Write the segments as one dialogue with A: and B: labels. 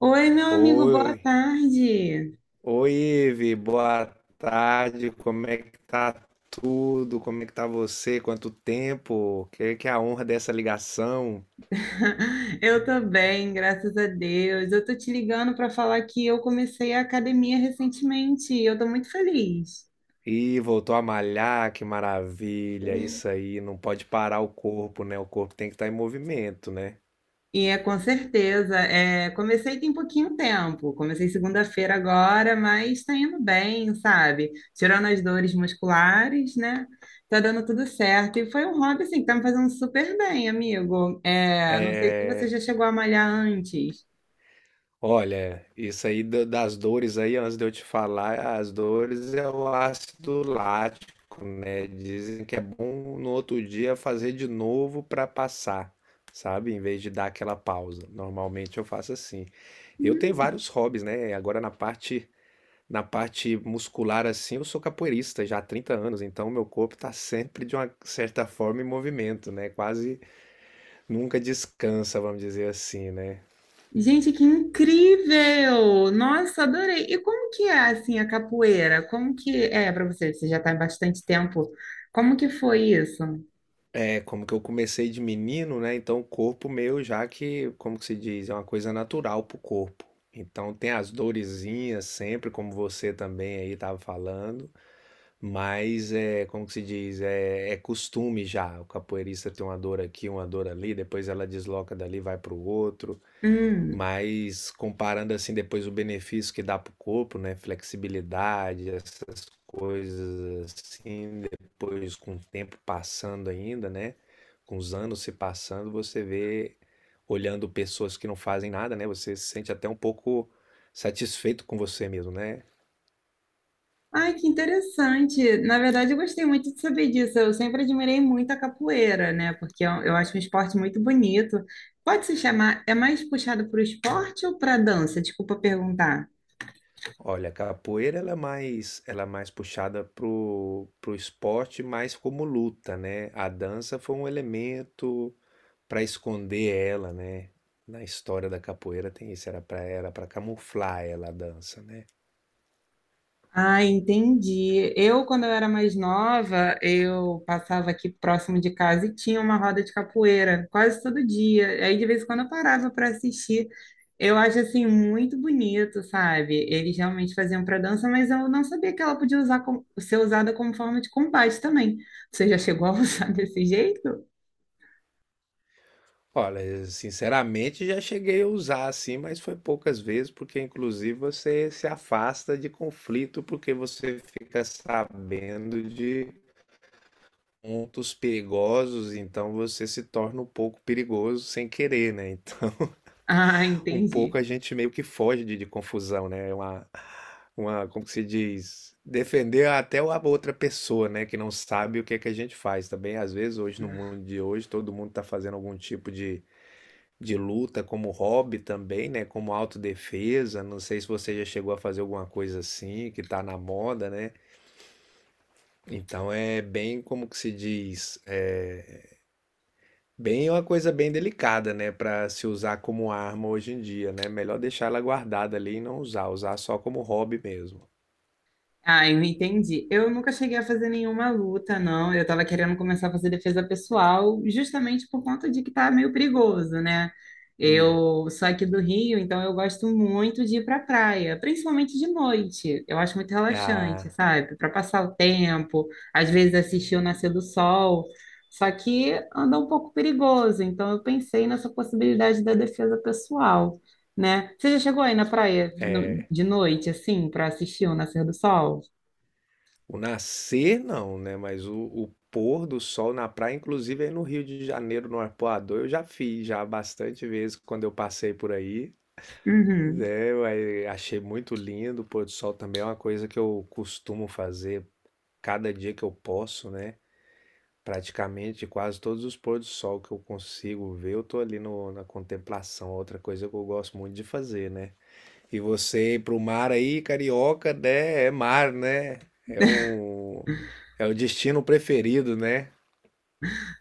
A: Oi, meu amigo,
B: Oi,
A: boa tarde.
B: oi, Ive, boa tarde. Como é que tá tudo? Como é que tá você? Quanto tempo? Que é a honra dessa ligação?
A: Eu tô bem, graças a Deus. Eu tô te ligando para falar que eu comecei a academia recentemente. Eu tô muito feliz.
B: Ih, voltou a malhar, que maravilha. Isso aí, não pode parar o corpo, né? O corpo tem que estar em movimento, né?
A: E é com certeza, comecei tem pouquinho tempo. Comecei segunda-feira agora, mas tá indo bem, sabe? Tirando as dores musculares, né? Tá dando tudo certo. E foi um hobby assim que tá me fazendo super bem, amigo. É, não sei se você já
B: É,
A: chegou a malhar antes.
B: Olha, isso aí das dores aí, antes de eu te falar, as dores é o ácido lático, né? Dizem que é bom no outro dia fazer de novo para passar, sabe? Em vez de dar aquela pausa. Normalmente eu faço assim. Eu tenho vários hobbies, né? Agora na parte muscular assim, eu sou capoeirista já há 30 anos, então meu corpo tá sempre de uma certa forma em movimento, né? Quase nunca descansa, vamos dizer assim, né?
A: Gente, que incrível! Nossa, adorei. E como que é assim a capoeira? Como que é para você? Você já está há bastante tempo. Como que foi isso?
B: É, como que eu comecei de menino, né? Então o corpo meu já que, como que se diz, é uma coisa natural pro corpo. Então tem as dorezinhas sempre, como você também aí estava falando, mas é, como que se diz, é, é costume já. O capoeirista tem uma dor aqui, uma dor ali, depois ela desloca dali, vai pro outro.
A: Hum.
B: Mas comparando, assim, depois o benefício que dá pro corpo, né, flexibilidade, essas coisas assim, depois com o tempo passando ainda, né, com os anos se passando, você vê, olhando pessoas que não fazem nada, né, você se sente até um pouco satisfeito com você mesmo, né?
A: Ai, que interessante. Na verdade, eu gostei muito de saber disso. Eu sempre admirei muito a capoeira, né? Porque eu acho um esporte muito bonito. Pode se chamar, é mais puxado para o esporte ou para dança? Desculpa perguntar.
B: Olha, a capoeira ela é mais puxada pro, pro esporte, mais como luta, né? A dança foi um elemento para esconder ela, né? Na história da capoeira tem isso, era para camuflar ela a dança, né?
A: Ah, entendi. Eu, quando eu era mais nova, eu passava aqui próximo de casa e tinha uma roda de capoeira quase todo dia. Aí, de vez em quando, eu parava para assistir. Eu acho, assim, muito bonito, sabe? Eles realmente faziam para dança, mas eu não sabia que ela podia usar ser usada como forma de combate também. Você já chegou a usar desse jeito?
B: Olha, sinceramente já cheguei a usar assim, mas foi poucas vezes, porque inclusive você se afasta de conflito porque você fica sabendo de pontos perigosos, então você se torna um pouco perigoso sem querer, né? Então
A: Ah,
B: um pouco
A: entendi.
B: a gente meio que foge de confusão, né? É Uma, como que se diz? Defender até a outra pessoa, né? Que não sabe o que é que a gente faz também. Às vezes, hoje, no mundo de hoje, todo mundo está fazendo algum tipo de luta como hobby também, né? Como autodefesa. Não sei se você já chegou a fazer alguma coisa assim, que tá na moda, né? Então, é bem, como que se diz? Bem, é uma coisa bem delicada, né, para se usar como arma hoje em dia, né? Melhor deixar ela guardada ali e não usar, usar só como hobby mesmo.
A: Ah, eu entendi. Eu nunca cheguei a fazer nenhuma luta, não. Eu estava querendo começar a fazer defesa pessoal, justamente por conta de que tá meio perigoso, né?
B: Hum.
A: Eu sou aqui do Rio, então eu gosto muito de ir para praia, principalmente de noite. Eu acho muito relaxante,
B: Ah,
A: sabe? Para passar o tempo, às vezes assistir o nascer do sol. Só que anda um pouco perigoso, então eu pensei nessa possibilidade da defesa pessoal, né? Você já chegou aí na praia de noite, assim, para assistir o nascer do sol?
B: o nascer não, né? Mas o pôr do sol na praia, inclusive aí no Rio de Janeiro, no Arpoador, eu já fiz já bastante vezes quando eu passei por aí.
A: Uhum.
B: É, eu aí achei muito lindo. O pôr do sol também é uma coisa que eu costumo fazer cada dia que eu posso, né? Praticamente quase todos os pôr do sol que eu consigo ver, eu tô ali no, na contemplação. Outra coisa que eu gosto muito de fazer, né? E você ir pro mar aí, carioca, né? É mar, né? É um, é o destino preferido, né?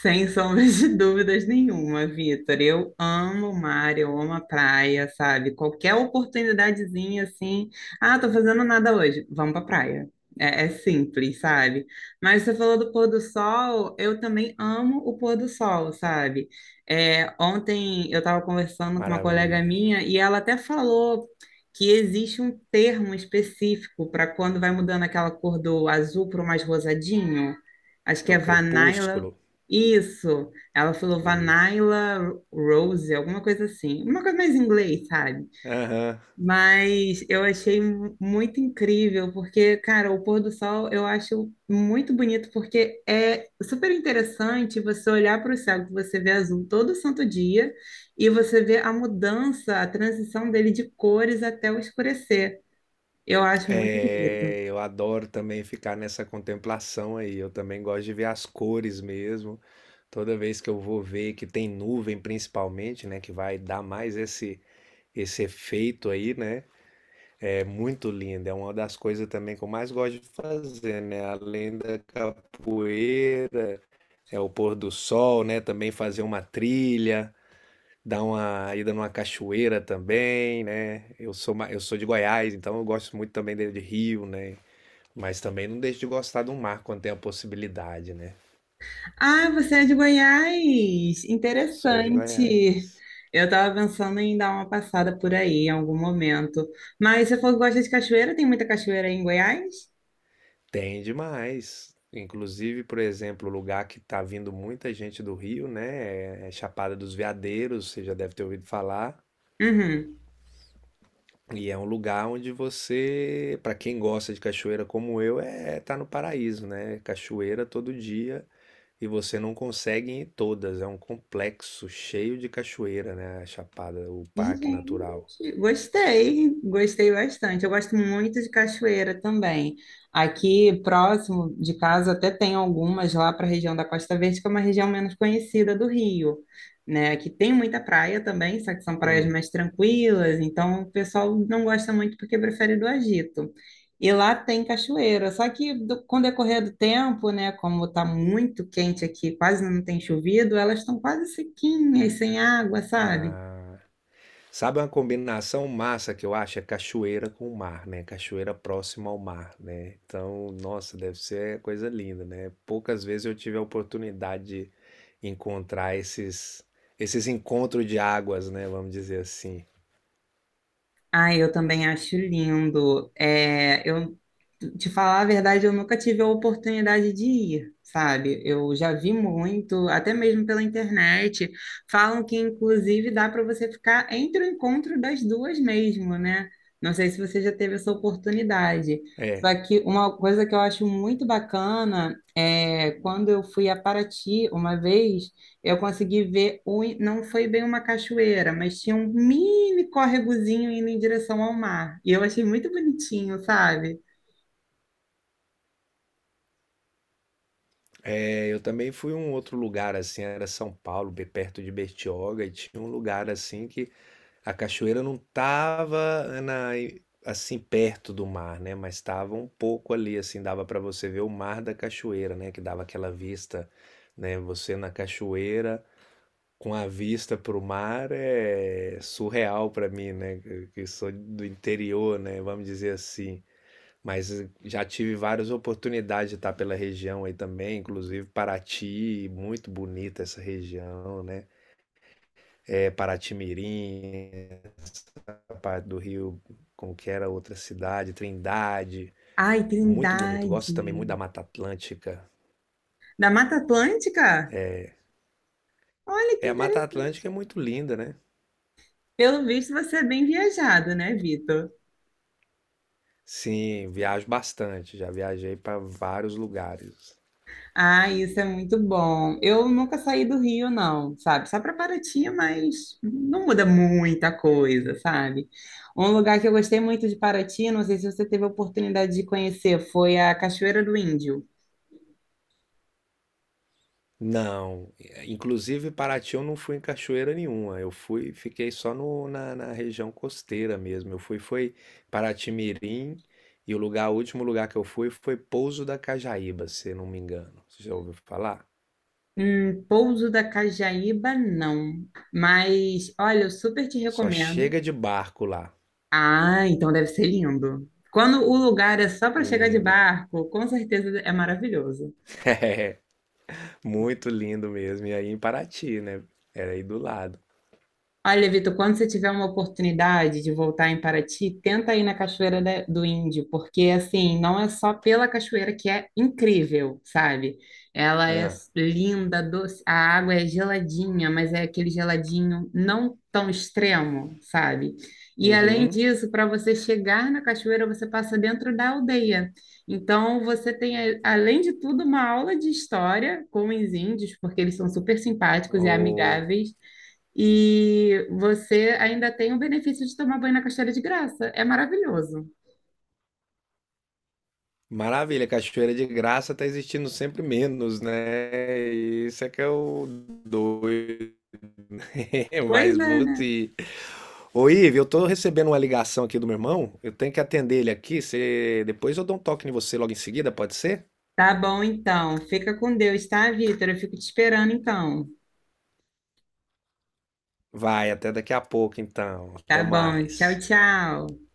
A: Sem sombra de dúvidas nenhuma, Vitor. Eu amo o mar, eu amo a praia, sabe? Qualquer oportunidadezinha assim, ah, tô fazendo nada hoje, vamos pra praia. É simples, sabe? Mas você falou do pôr do sol, eu também amo o pôr do sol, sabe? É, ontem eu estava conversando com uma colega
B: Maravilha.
A: minha e ela até falou que existe um termo específico para quando vai mudando aquela cor do azul para o mais rosadinho. Acho
B: É
A: que é
B: o crepúsculo.
A: vanilla, isso, ela falou
B: Isso.
A: Vanilla Rose, alguma coisa assim, uma coisa mais em inglês, sabe?
B: Aham.
A: Mas eu achei muito incrível, porque, cara, o pôr do sol eu acho muito bonito, porque é super interessante você olhar para o céu, que você vê azul todo santo dia, e você vê a mudança, a transição dele de cores até o escurecer. Eu acho muito bonito.
B: É, eu adoro também ficar nessa contemplação aí. Eu também gosto de ver as cores mesmo. Toda vez que eu vou ver que tem nuvem, principalmente, né, que vai dar mais esse efeito aí, né? É muito lindo. É uma das coisas também que eu mais gosto de fazer, né? Além da capoeira, é o pôr do sol, né? Também fazer uma trilha, dar uma ida numa cachoeira também, né? Eu sou, eu sou de Goiás, então eu gosto muito também de rio, né? Mas também não deixo de gostar do mar quando tem a possibilidade, né?
A: Ah, você é de Goiás?
B: Sou de
A: Interessante.
B: Goiás.
A: Eu estava pensando em dar uma passada por aí em algum momento. Mas você falou que gosta de cachoeira, tem muita cachoeira aí em Goiás?
B: Tem demais. Inclusive, por exemplo, o lugar que tá vindo muita gente do Rio, né? É Chapada dos Veadeiros, você já deve ter ouvido falar.
A: Uhum.
B: E é um lugar onde você, para quem gosta de cachoeira como eu, é tá no paraíso, né? Cachoeira todo dia e você não consegue ir em todas. É um complexo cheio de cachoeira, né? A Chapada, o Parque Natural.
A: Gente, gostei, gostei bastante. Eu gosto muito de cachoeira também. Aqui próximo de casa até tem algumas lá para a região da Costa Verde, que é uma região menos conhecida do Rio, né? Que tem muita praia também, só que são praias
B: Hum.
A: mais tranquilas, então o pessoal não gosta muito porque prefere do agito. E lá tem cachoeira, só que com o decorrer do tempo, né, como tá muito quente aqui, quase não tem chovido, elas estão quase sequinhas, sem água, sabe?
B: Ah, sabe uma combinação massa que eu acho? É cachoeira com o mar, né? Cachoeira próxima ao mar, né? Então, nossa, deve ser coisa linda, né? Poucas vezes eu tive a oportunidade de encontrar esses encontros de águas, né? Vamos dizer assim.
A: Ai, eu também acho lindo. É, eu te falar a verdade, eu nunca tive a oportunidade de ir, sabe? Eu já vi muito, até mesmo pela internet. Falam que inclusive dá para você ficar entre o encontro das duas mesmo, né? Não sei se você já teve essa oportunidade. Só
B: É,
A: que uma coisa que eu acho muito bacana é quando eu fui a Paraty uma vez. Eu consegui ver, o, não foi bem uma cachoeira, mas tinha um mini córregozinho indo em direção ao mar. E eu achei muito bonitinho, sabe?
B: eu também fui a um outro lugar assim, era São Paulo, bem perto de Bertioga, e tinha um lugar assim que a cachoeira não estava na assim, perto do mar, né, mas estava um pouco ali, assim, dava para você ver o mar da cachoeira, né, que dava aquela vista, né, você na cachoeira com a vista para o mar é surreal para mim, né, que sou do interior, né, vamos dizer assim. Mas já tive várias oportunidades de estar pela região aí também, inclusive Paraty, muito bonita essa região, né, é Paraty-Mirim, a parte do Rio, como que era a outra cidade, Trindade.
A: Ai,
B: Muito bonito. Gosto também muito da
A: Trindade!
B: Mata Atlântica.
A: Da Mata Atlântica? Olha que
B: É, a Mata
A: interessante.
B: Atlântica é muito linda, né?
A: Pelo visto, você é bem viajado, né, Vitor?
B: Sim, viajo bastante. Já viajei para vários lugares.
A: Ah, isso é muito bom. Eu nunca saí do Rio, não, sabe? Só para Paraty, mas não muda muita coisa, sabe? Um lugar que eu gostei muito de Paraty, não sei se você teve a oportunidade de conhecer, foi a Cachoeira do Índio.
B: Não, inclusive Paraty eu não fui em cachoeira nenhuma. Eu fui, fiquei só na, na região costeira mesmo. Eu fui, foi Paraty-Mirim e o lugar, o último lugar que eu fui foi Pouso da Cajaíba, se não me engano. Você já ouviu falar?
A: Pouso da Cajaíba, não. Mas, olha, eu super te
B: Só
A: recomendo.
B: chega de barco lá.
A: Ah, então deve ser lindo. Quando o lugar é só para chegar de
B: Lindo.
A: barco, com certeza é maravilhoso.
B: É, muito lindo mesmo. E aí em Paraty, né? Era aí do lado.
A: Olha, Vitor, quando você tiver uma oportunidade de voltar em Paraty, tenta ir na Cachoeira do Índio, porque assim, não é só pela cachoeira que é incrível, sabe? Ela é
B: Ah,
A: linda, doce, a água é geladinha, mas é aquele geladinho não tão extremo, sabe? E além
B: uhum.
A: disso, para você chegar na cachoeira, você passa dentro da aldeia. Então, você tem, além de tudo, uma aula de história com os índios, porque eles são super simpáticos e
B: Ô,
A: amigáveis. E você ainda tem o benefício de tomar banho na cachoeira de graça. É maravilhoso.
B: maravilha, Cachoeira de Graça tá existindo sempre menos, né? Isso é que é o doido.
A: Pois
B: Mas
A: é, né?
B: você. Ô, Ive, eu tô recebendo uma ligação aqui do meu irmão. Eu tenho que atender ele aqui. Você... Depois eu dou um toque em você logo em seguida, pode ser?
A: Tá bom, então. Fica com Deus, tá, Vitor? Eu fico te esperando, então.
B: Vai, até daqui a pouco então.
A: Tá
B: Até
A: bom. Tchau,
B: mais.
A: tchau.